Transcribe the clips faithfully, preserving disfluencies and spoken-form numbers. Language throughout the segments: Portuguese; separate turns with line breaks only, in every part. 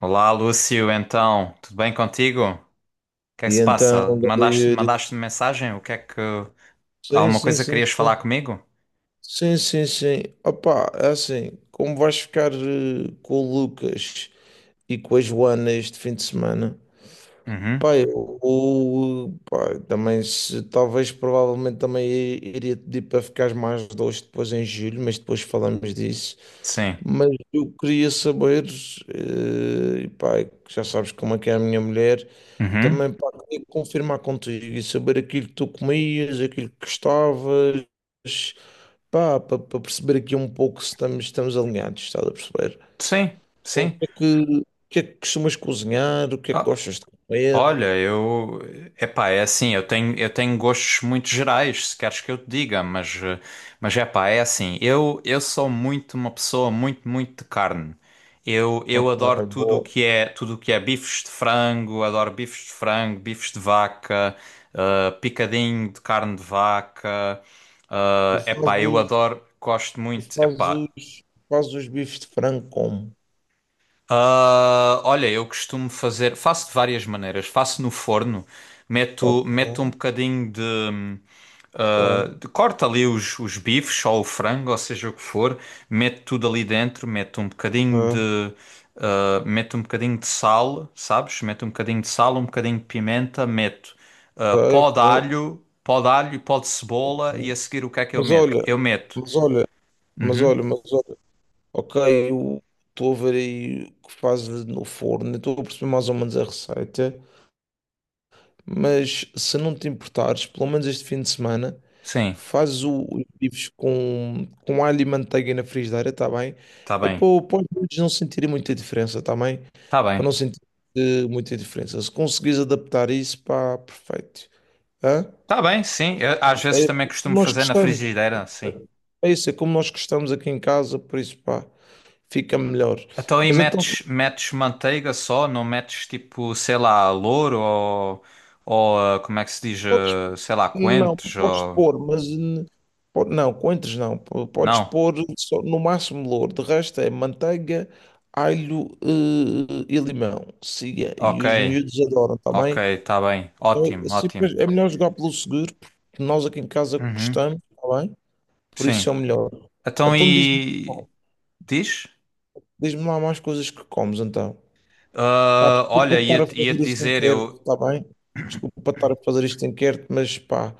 Olá, Lúcio, então, tudo bem contigo? O que é que
E
se
então,
passa?
ganda
Mandaste,
Yuri,
mandaste-me mensagem? O que é que...
sim,
Alguma
sim,
coisa que
sim,
querias falar
sim,
comigo?
sim, sim, sim, opa, é assim, como vais ficar eh, com o Lucas e com a Joana este fim de semana?
Uhum,
Pá, eu, eu, pá, também, se, talvez, provavelmente também iria te pedir para ficares mais dois depois em julho, mas depois falamos disso.
sim.
Mas eu queria saber, eh, e pá, já sabes como é que é a minha mulher,
Uhum,
também pá, queria confirmar contigo e saber aquilo que tu comias, aquilo que gostavas, pá, para perceber aqui um pouco se estamos, estamos alinhados, estás a perceber?
sim,
O
sim.
que é que, o que é que costumas cozinhar, o que é que
Ah,
gostas de comer?
Olha, eu. Epá, é assim, eu tenho, eu tenho gostos muito gerais, se queres que eu te diga, mas, eh, mas epá, é assim, eu, eu sou muito uma pessoa muito, muito de carne. Eu, eu
Ok,
adoro tudo o
boa.
que é, tudo o que é bifes de frango, adoro bifes de frango, bifes de vaca, eh, picadinho de carne de vaca.
E
Eh, epá, eu
fazes,
adoro, gosto
e
muito, epá.
fazes, fazes os bifes de frango como?
Ah, olha, eu costumo fazer, faço de várias maneiras. Faço no forno,
Ok,
meto, meto um bocadinho de, ah, de- corto ali os, os bifes ou o frango, ou seja o que for, meto tudo ali dentro, meto um bocadinho
ok,
de, ah, meto um bocadinho de sal, sabes? Meto um bocadinho de sal, um bocadinho de pimenta, meto ah,
ok,
pó de
ok,
alho, pó de alho e pó de
ok.
cebola e a seguir o que é que eu
Mas
meto?
olha,
Eu meto,
mas olha, mas
uhum,
olha, mas olha, ok, eu estou a ver aí o que fazes no forno, estou a perceber mais ou menos a receita, mas se não te importares, pelo menos este fim de semana,
sim,
faz o- os bifes com, com alho e manteiga na frigideira, está bem?
tá
É
bem,
para, para os miúdos não sentirem muita diferença, está bem?
tá
Para
bem.
não sentir eh, muita diferença. Se conseguires adaptar isso, pá, perfeito. Hã?
Tá bem, sim. Eu, às vezes
É como
também costumo
nós
fazer na
gostamos.
frigideira, sim.
É isso, é como nós gostamos aqui em casa, por isso, pá, fica melhor.
Então aí
Mas então tu
metes, metes manteiga só, não metes tipo, sei lá, louro ou, ou ah, como é que se diz,
podes,
ah, sei lá,
não,
coentros
podes
ou...
pôr, mas hum, po- não, coentros não. Po- podes
Não?
pôr só, no máximo louro, de resto é manteiga, alho eh, e limão. Siga, e
Ok,
os miúdos adoram também.
ok, tá bem.
É,
Ótimo,
assim,
ótimo.
pois, é melhor jogar pelo seguro, porque nós aqui em casa
Uhum,
gostamos, está bem? Por isso é o
sim.
melhor.
Então
Então diz-me
e... Diz?
diz-me lá mais coisas que comes, então. Pá,
Ah,
desculpa
olha,
estar a
ia-te ia-te
fazer isto em
dizer,
quer,
eu,
está bem? Desculpa estar a fazer isto em quer, mas pá.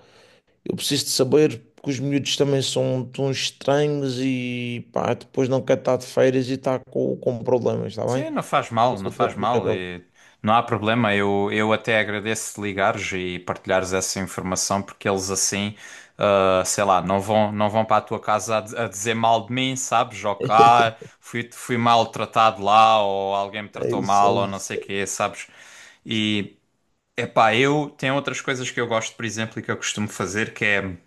Eu preciso de saber porque os miúdos também são tão estranhos e pá, depois não quer estar de férias e está com, com problemas, está bem?
sim, não faz mal,
Mas
não
eu estou a
faz
pedir
mal.
agora.
E não há problema. Eu, eu até agradeço de ligares e partilhares essa informação, porque eles assim, ah, sei lá, não vão, não vão para a tua casa a, di- a dizer mal de mim, sabes? Ou que, ah, fui, fui maltratado lá, ou alguém me
É
tratou
isso,
mal,
é
ou não
isso.
sei o quê, sabes? E, epá, eu tenho outras coisas que eu gosto, por exemplo, e que eu costumo fazer, que é.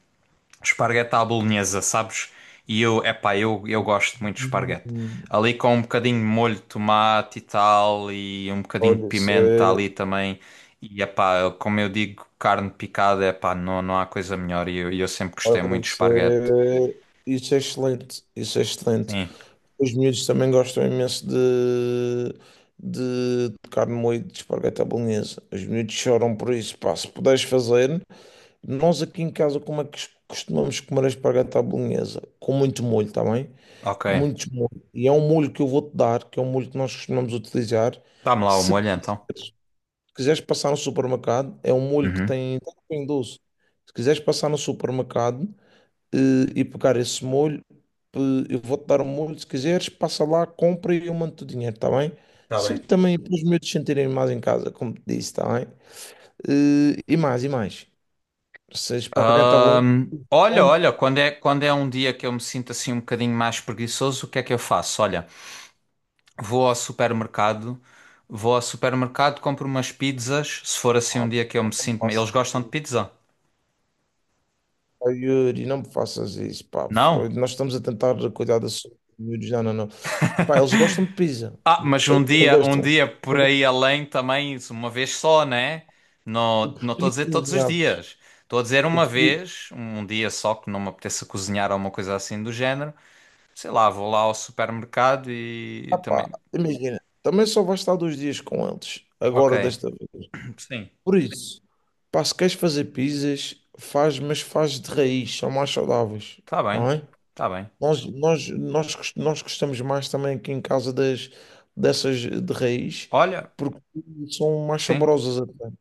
Esparguete à bolonhesa, sabes? E eu, epá, eu, eu gosto muito de esparguete.
Hum,
Ali com um bocadinho de molho de tomate e tal, e um bocadinho de
olha, isso
pimenta ali
é,
também. E epá, como eu digo, carne picada, epá, não, não há coisa melhor. E eu, e eu sempre gostei
olha,
muito de
isso
esparguete.
é, isso é excelente, isso é excelente.
Sim,
Os miúdos também gostam imenso de, de tocar no moído de espargueta à bolonhesa. Os miúdos choram por isso, pá, se puderes fazer. Nós aqui em casa, como é que costumamos comer a espargata à bolonhesa? Com muito molho, está bem?
ok.
Muito molho. E é um molho que eu vou-te dar, que é um molho que nós costumamos utilizar.
Dá-me lá o
Se
molho então.
quiseres, quiseres passar no supermercado, é um molho que
Uhum.
tem, tem doce. Se quiseres passar no supermercado eh, e pegar esse molho, eh, eu vou-te dar um molho. Se quiseres, passa lá, compra e eu mando-te o dinheiro, está bem?
Está
Sim,
bem.
também para os meus sentirem mais em casa, como te disse, está bem? Eh, e mais, e mais. Se a espargata à bolonhesa.
Ahm, olha, olha, quando é, quando é um dia que eu me sinto assim um bocadinho mais preguiçoso, o que é que eu faço? Olha. Vou ao supermercado, vou ao supermercado, compro umas pizzas, se for assim um
Ah,
dia que eu
pá,
me
não me
sinto, me-
faças
eles gostam de
isso,
pizza?
pá, Yuri, não me faças isso, pá. Foi-
Não?
Nós estamos a tentar cuidar da saúde dos miúdos, não, não, não. Pá, eles gostam de pizza.
Ah, mas um
Eles
dia, um
gostam.
dia por
Eu
aí além também, isso, uma vez só, né?
eu
Não, não estou a
preferi
dizer todos os
cozinhados.
dias. Estou a dizer
Eu
uma
preferi.
vez, um dia só que não me apeteça cozinhar ou uma coisa assim do género. Sei lá, vou lá ao supermercado e
Ah,
também.
pá, imagina, também só vais estar dois dias com eles,
Ok,
agora desta vez.
sim,
Por isso, pá, se queres fazer pizzas, faz, mas faz de raiz, são mais saudáveis,
está
está.
bem, está bem.
Nós, nós, nós, gos- nós gostamos mais também aqui em casa das, dessas de raiz,
Olha,
porque são mais
sim.
saborosas até.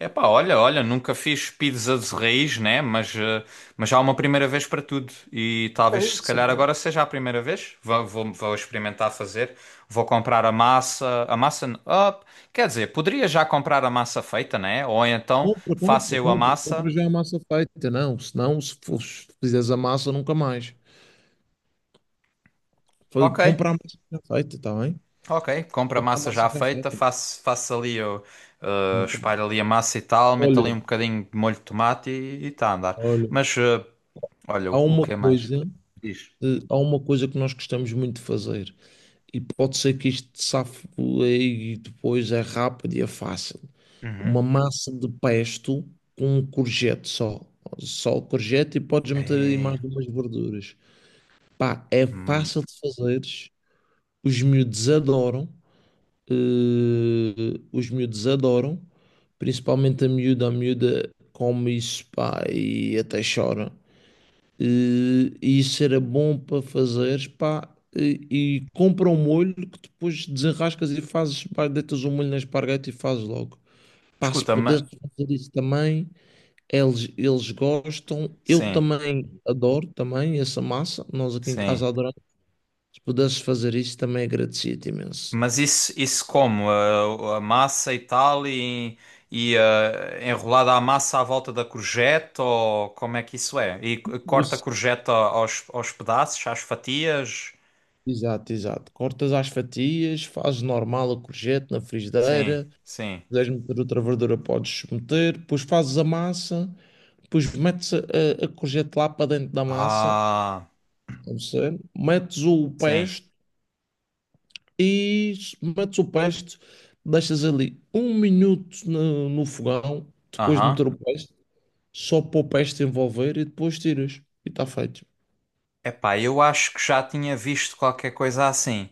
Epá, olha, olha, nunca fiz pizza de raiz, né? Mas, eh, mas há uma primeira vez para tudo. E
É
talvez, se
isso.
calhar, agora seja a primeira vez. Vou, vou, vou experimentar fazer. Vou comprar a massa. A massa. N- ah, quer dizer, poderia já comprar a massa feita, né? Ou então
Compra,
faço
compra,
eu a
compra.
massa.
Compra já a massa feita. Não, senão, se for, se fizeres a massa, nunca mais. Foi
Ok,
comprar a massa já feita, está bem?
ok. Compro a
Comprar a
massa
massa
já
já
feita.
feita.
Faço, faço ali, eu, eh,
Nunca
espalho
mais.
ali a massa e tal. Meto ali
Olha,
um bocadinho de molho de tomate e está a andar.
olha,
Mas, eh, olha, o,
há
o
uma
que é mais?
coisa,
Diz.
eh, há uma coisa que nós gostamos muito de fazer. E pode ser que isto safe e depois é rápido e é fácil.
Uhum.
Uma massa de pesto com um courgette só. Só o courgette e podes meter aí mais
É,
umas verduras. Pá, é
hum,
fácil de fazeres. Os miúdos adoram. Eh, os miúdos adoram. Principalmente a miúda. A miúda come isso, pá, e até chora. Eh, E isso era bom para fazeres, pá. E, e compra um molho que depois desenrascas e fazes, pá, deitas o molho na esparguete e fazes logo. Pá, se
escuta, ma...
pudesse fazer isso também, eles, eles gostam, eu
sim,
também adoro também essa massa. Nós aqui em
sim.
casa adoramos. Se pudesses fazer isso, também agradecia-te imenso.
Mas isso, isso como? A, a massa e tal, e, e ah, enrolada a massa à volta da courgette, ou como é que isso é? E c- corta a
Isso.
courgette a- aos, aos pedaços, às fatias?
Exato, exato. Cortas às fatias, fazes normal a courgette na
Sim,
frigideira. Se
sim.
quiseres meter outra verdura, podes meter. Depois fazes a massa, depois metes a, a, a courgette lá para dentro da massa,
Ah,
não sei, metes o
sim.
pesto e metes o pesto, deixas ali um minuto no, no fogão, depois de
Aham.
meter o pesto. Só para o peste envolver e depois tiras. E está feito.
Epá, eu acho que já tinha visto qualquer coisa assim.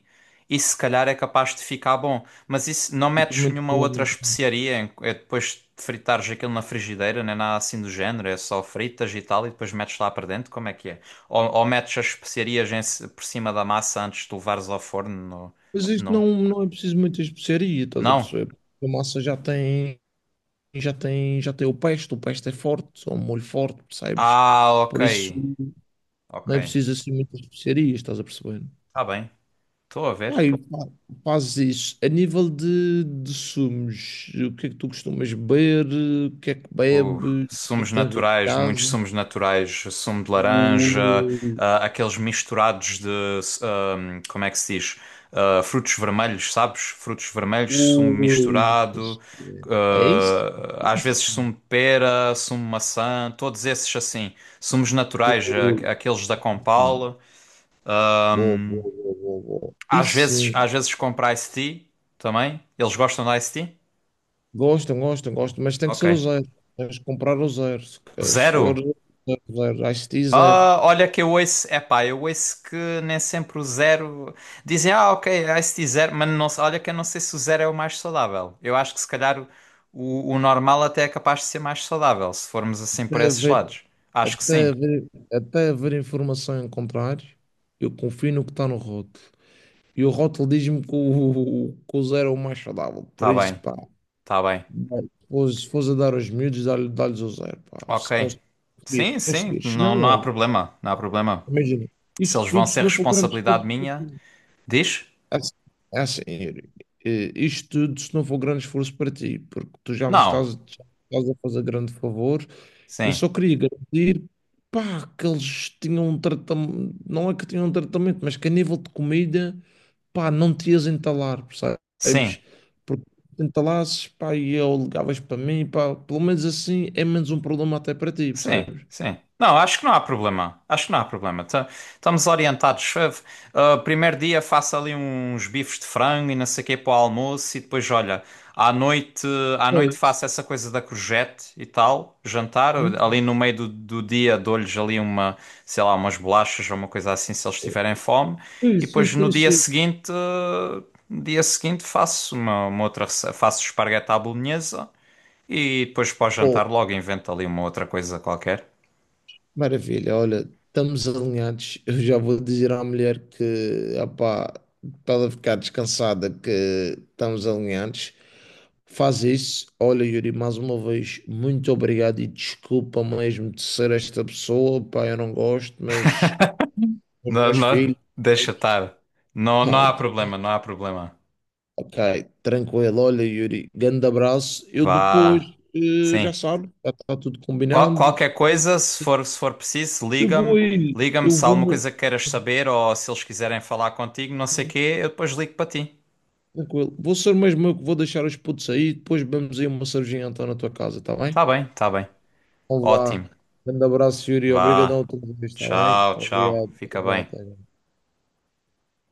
Isso se calhar é capaz de ficar bom, mas isso não
Fica
metes
muito
nenhuma
bom,
outra
muito bom.
especiaria em- é depois de fritares aquilo na frigideira, nem nada assim do género, é só fritas e tal e depois metes lá para dentro, como é que é? Ou, ou metes as especiarias em ci- por cima da massa antes de levares ao forno? No-
Mas isto
Não.
não, não é preciso muita especiaria, estás a
Não?
perceber? A massa já tem, já tem, já tem o peste, o peste é forte, é um molho forte, percebes?
Ah, ok.
Por isso
Ok.
não é preciso assim muitas especiarias, estás a perceber?
Está bem. Estou a ver.
Aí, fazes isso. A nível de, de sumos, o que é que tu costumas beber? O que é que
Uh,
bebes? O que é
sumos
que tens em
naturais, muitos
casa?
sumos naturais, sumo de laranja, ah, aqueles misturados de, ahm, como é que se diz? Ah, frutos vermelhos, sabes? Frutos vermelhos, sumo
Ui,
misturado,
é isso?
ah, às vezes
Isso.
sumo de pera, sumo de maçã, todos esses assim, sumos naturais, ah,
Ui,
aqueles da
mano.
Compal.
Boa, boa, boa, boa, boa.
Às
Isso
vezes, às
sim.
vezes compro iced tea também. Eles gostam de iced tea?
Gostam, gostam, gostam, mas tem que
Ok.
ser o zero. Tens que comprar o zero. Se se for
Zero?
zero, zero, I C T zero.
Ah, olha que eu ouço, epá, eu ouço que nem sempre o zero. Dizem, ah, ok, I C T zero, mas não, se- olha que eu não sei se o zero é o mais saudável. Eu acho que se calhar o, o o normal até é capaz de ser mais saudável, se formos assim por
Até
esses
haver,
lados. Acho que
até
sim.
haver, até haver informação em contrário, eu confio no que está no rótulo. E o rótulo diz-me que o, que o zero é o mais saudável. Por
Tá
isso,
bem,
pá.
tá bem.
Bem, pois, se fores a dar aos miúdos, dá-lhe- dá-lhes o zero, pá. Se
Ok.
conseguires,
Sim,
se
sim,
conseguires. Se
não,
não,
não há
olha,
problema, não há problema.
imagina,
Se
isto
eles vão
tudo se
ser
não for grande
responsabilidade
esforço para
minha,
ti.
diz?
É assim, é assim, Yuri, eh, isto tudo se não for grande esforço para ti, porque tu já me
Não.
estás, já me estás a fazer grande favor. Eu
Sim,
só queria garantir, pá, que eles tinham um tratamento, não é que tinham um tratamento, mas que a nível de comida, pá, não te ias entalar,
sim.
percebes? Porque te entalasses, pá, e eu ligavas para mim, pá, pelo menos assim é menos um problema até para ti,
Sim,
percebes?
sim. Não, acho que não há problema. Acho que não há problema. Ta- Estamos orientados. Ah, ah, primeiro dia faço ali uns bifes de frango e não sei o quê para o almoço e depois, olha, à noite, à
É
noite
isso,
faço essa coisa da courgette e tal, jantar.
é
Ali no meio do, do dia dou-lhes ali uma, sei lá, umas bolachas ou uma coisa assim se eles tiverem fome. E
isso,
depois
é
no dia
isso, é
seguinte, ah, no dia seguinte faço uma, uma outra rece- faço esparguete à bolonhesa. E depois para o jantar
isso.
logo inventa ali uma outra coisa qualquer.
Maravilha, olha, estamos alinhados. Eu já vou dizer à mulher que, opá, para ela ficar descansada, que estamos alinhados. Faz isso. Olha, Yuri, mais uma vez, muito obrigado e desculpa mesmo de ser esta pessoa. Pá, eu não gosto, mas os
Não,
meus
não,
filhos.
deixa estar. Não, não há
Ah,
problema, não há problema.
ok, tranquilo. Olha, Yuri, grande abraço. Eu depois,
Vá.
eh,
Sim.
já sabe, já está tudo
Qual-
combinado.
qualquer
Depois
coisa, se for, se for preciso,
Eu vou
liga-me.
aí,
Liga-me
eu
se há alguma
vou.
coisa que queiras saber ou se eles quiserem falar contigo, não sei o quê, eu depois ligo para ti.
Tranquilo. Vou ser mesmo eu que vou deixar os putos aí. Depois vamos aí uma cervejinha então na tua casa, tá bem?
Tá bem, tá bem.
Olá.
Ótimo.
Grande abraço, Yuri. Obrigadão
Vá.
a todos, tá bem?
Tchau, tchau.
Obrigado.
Fica bem.
Obrigado.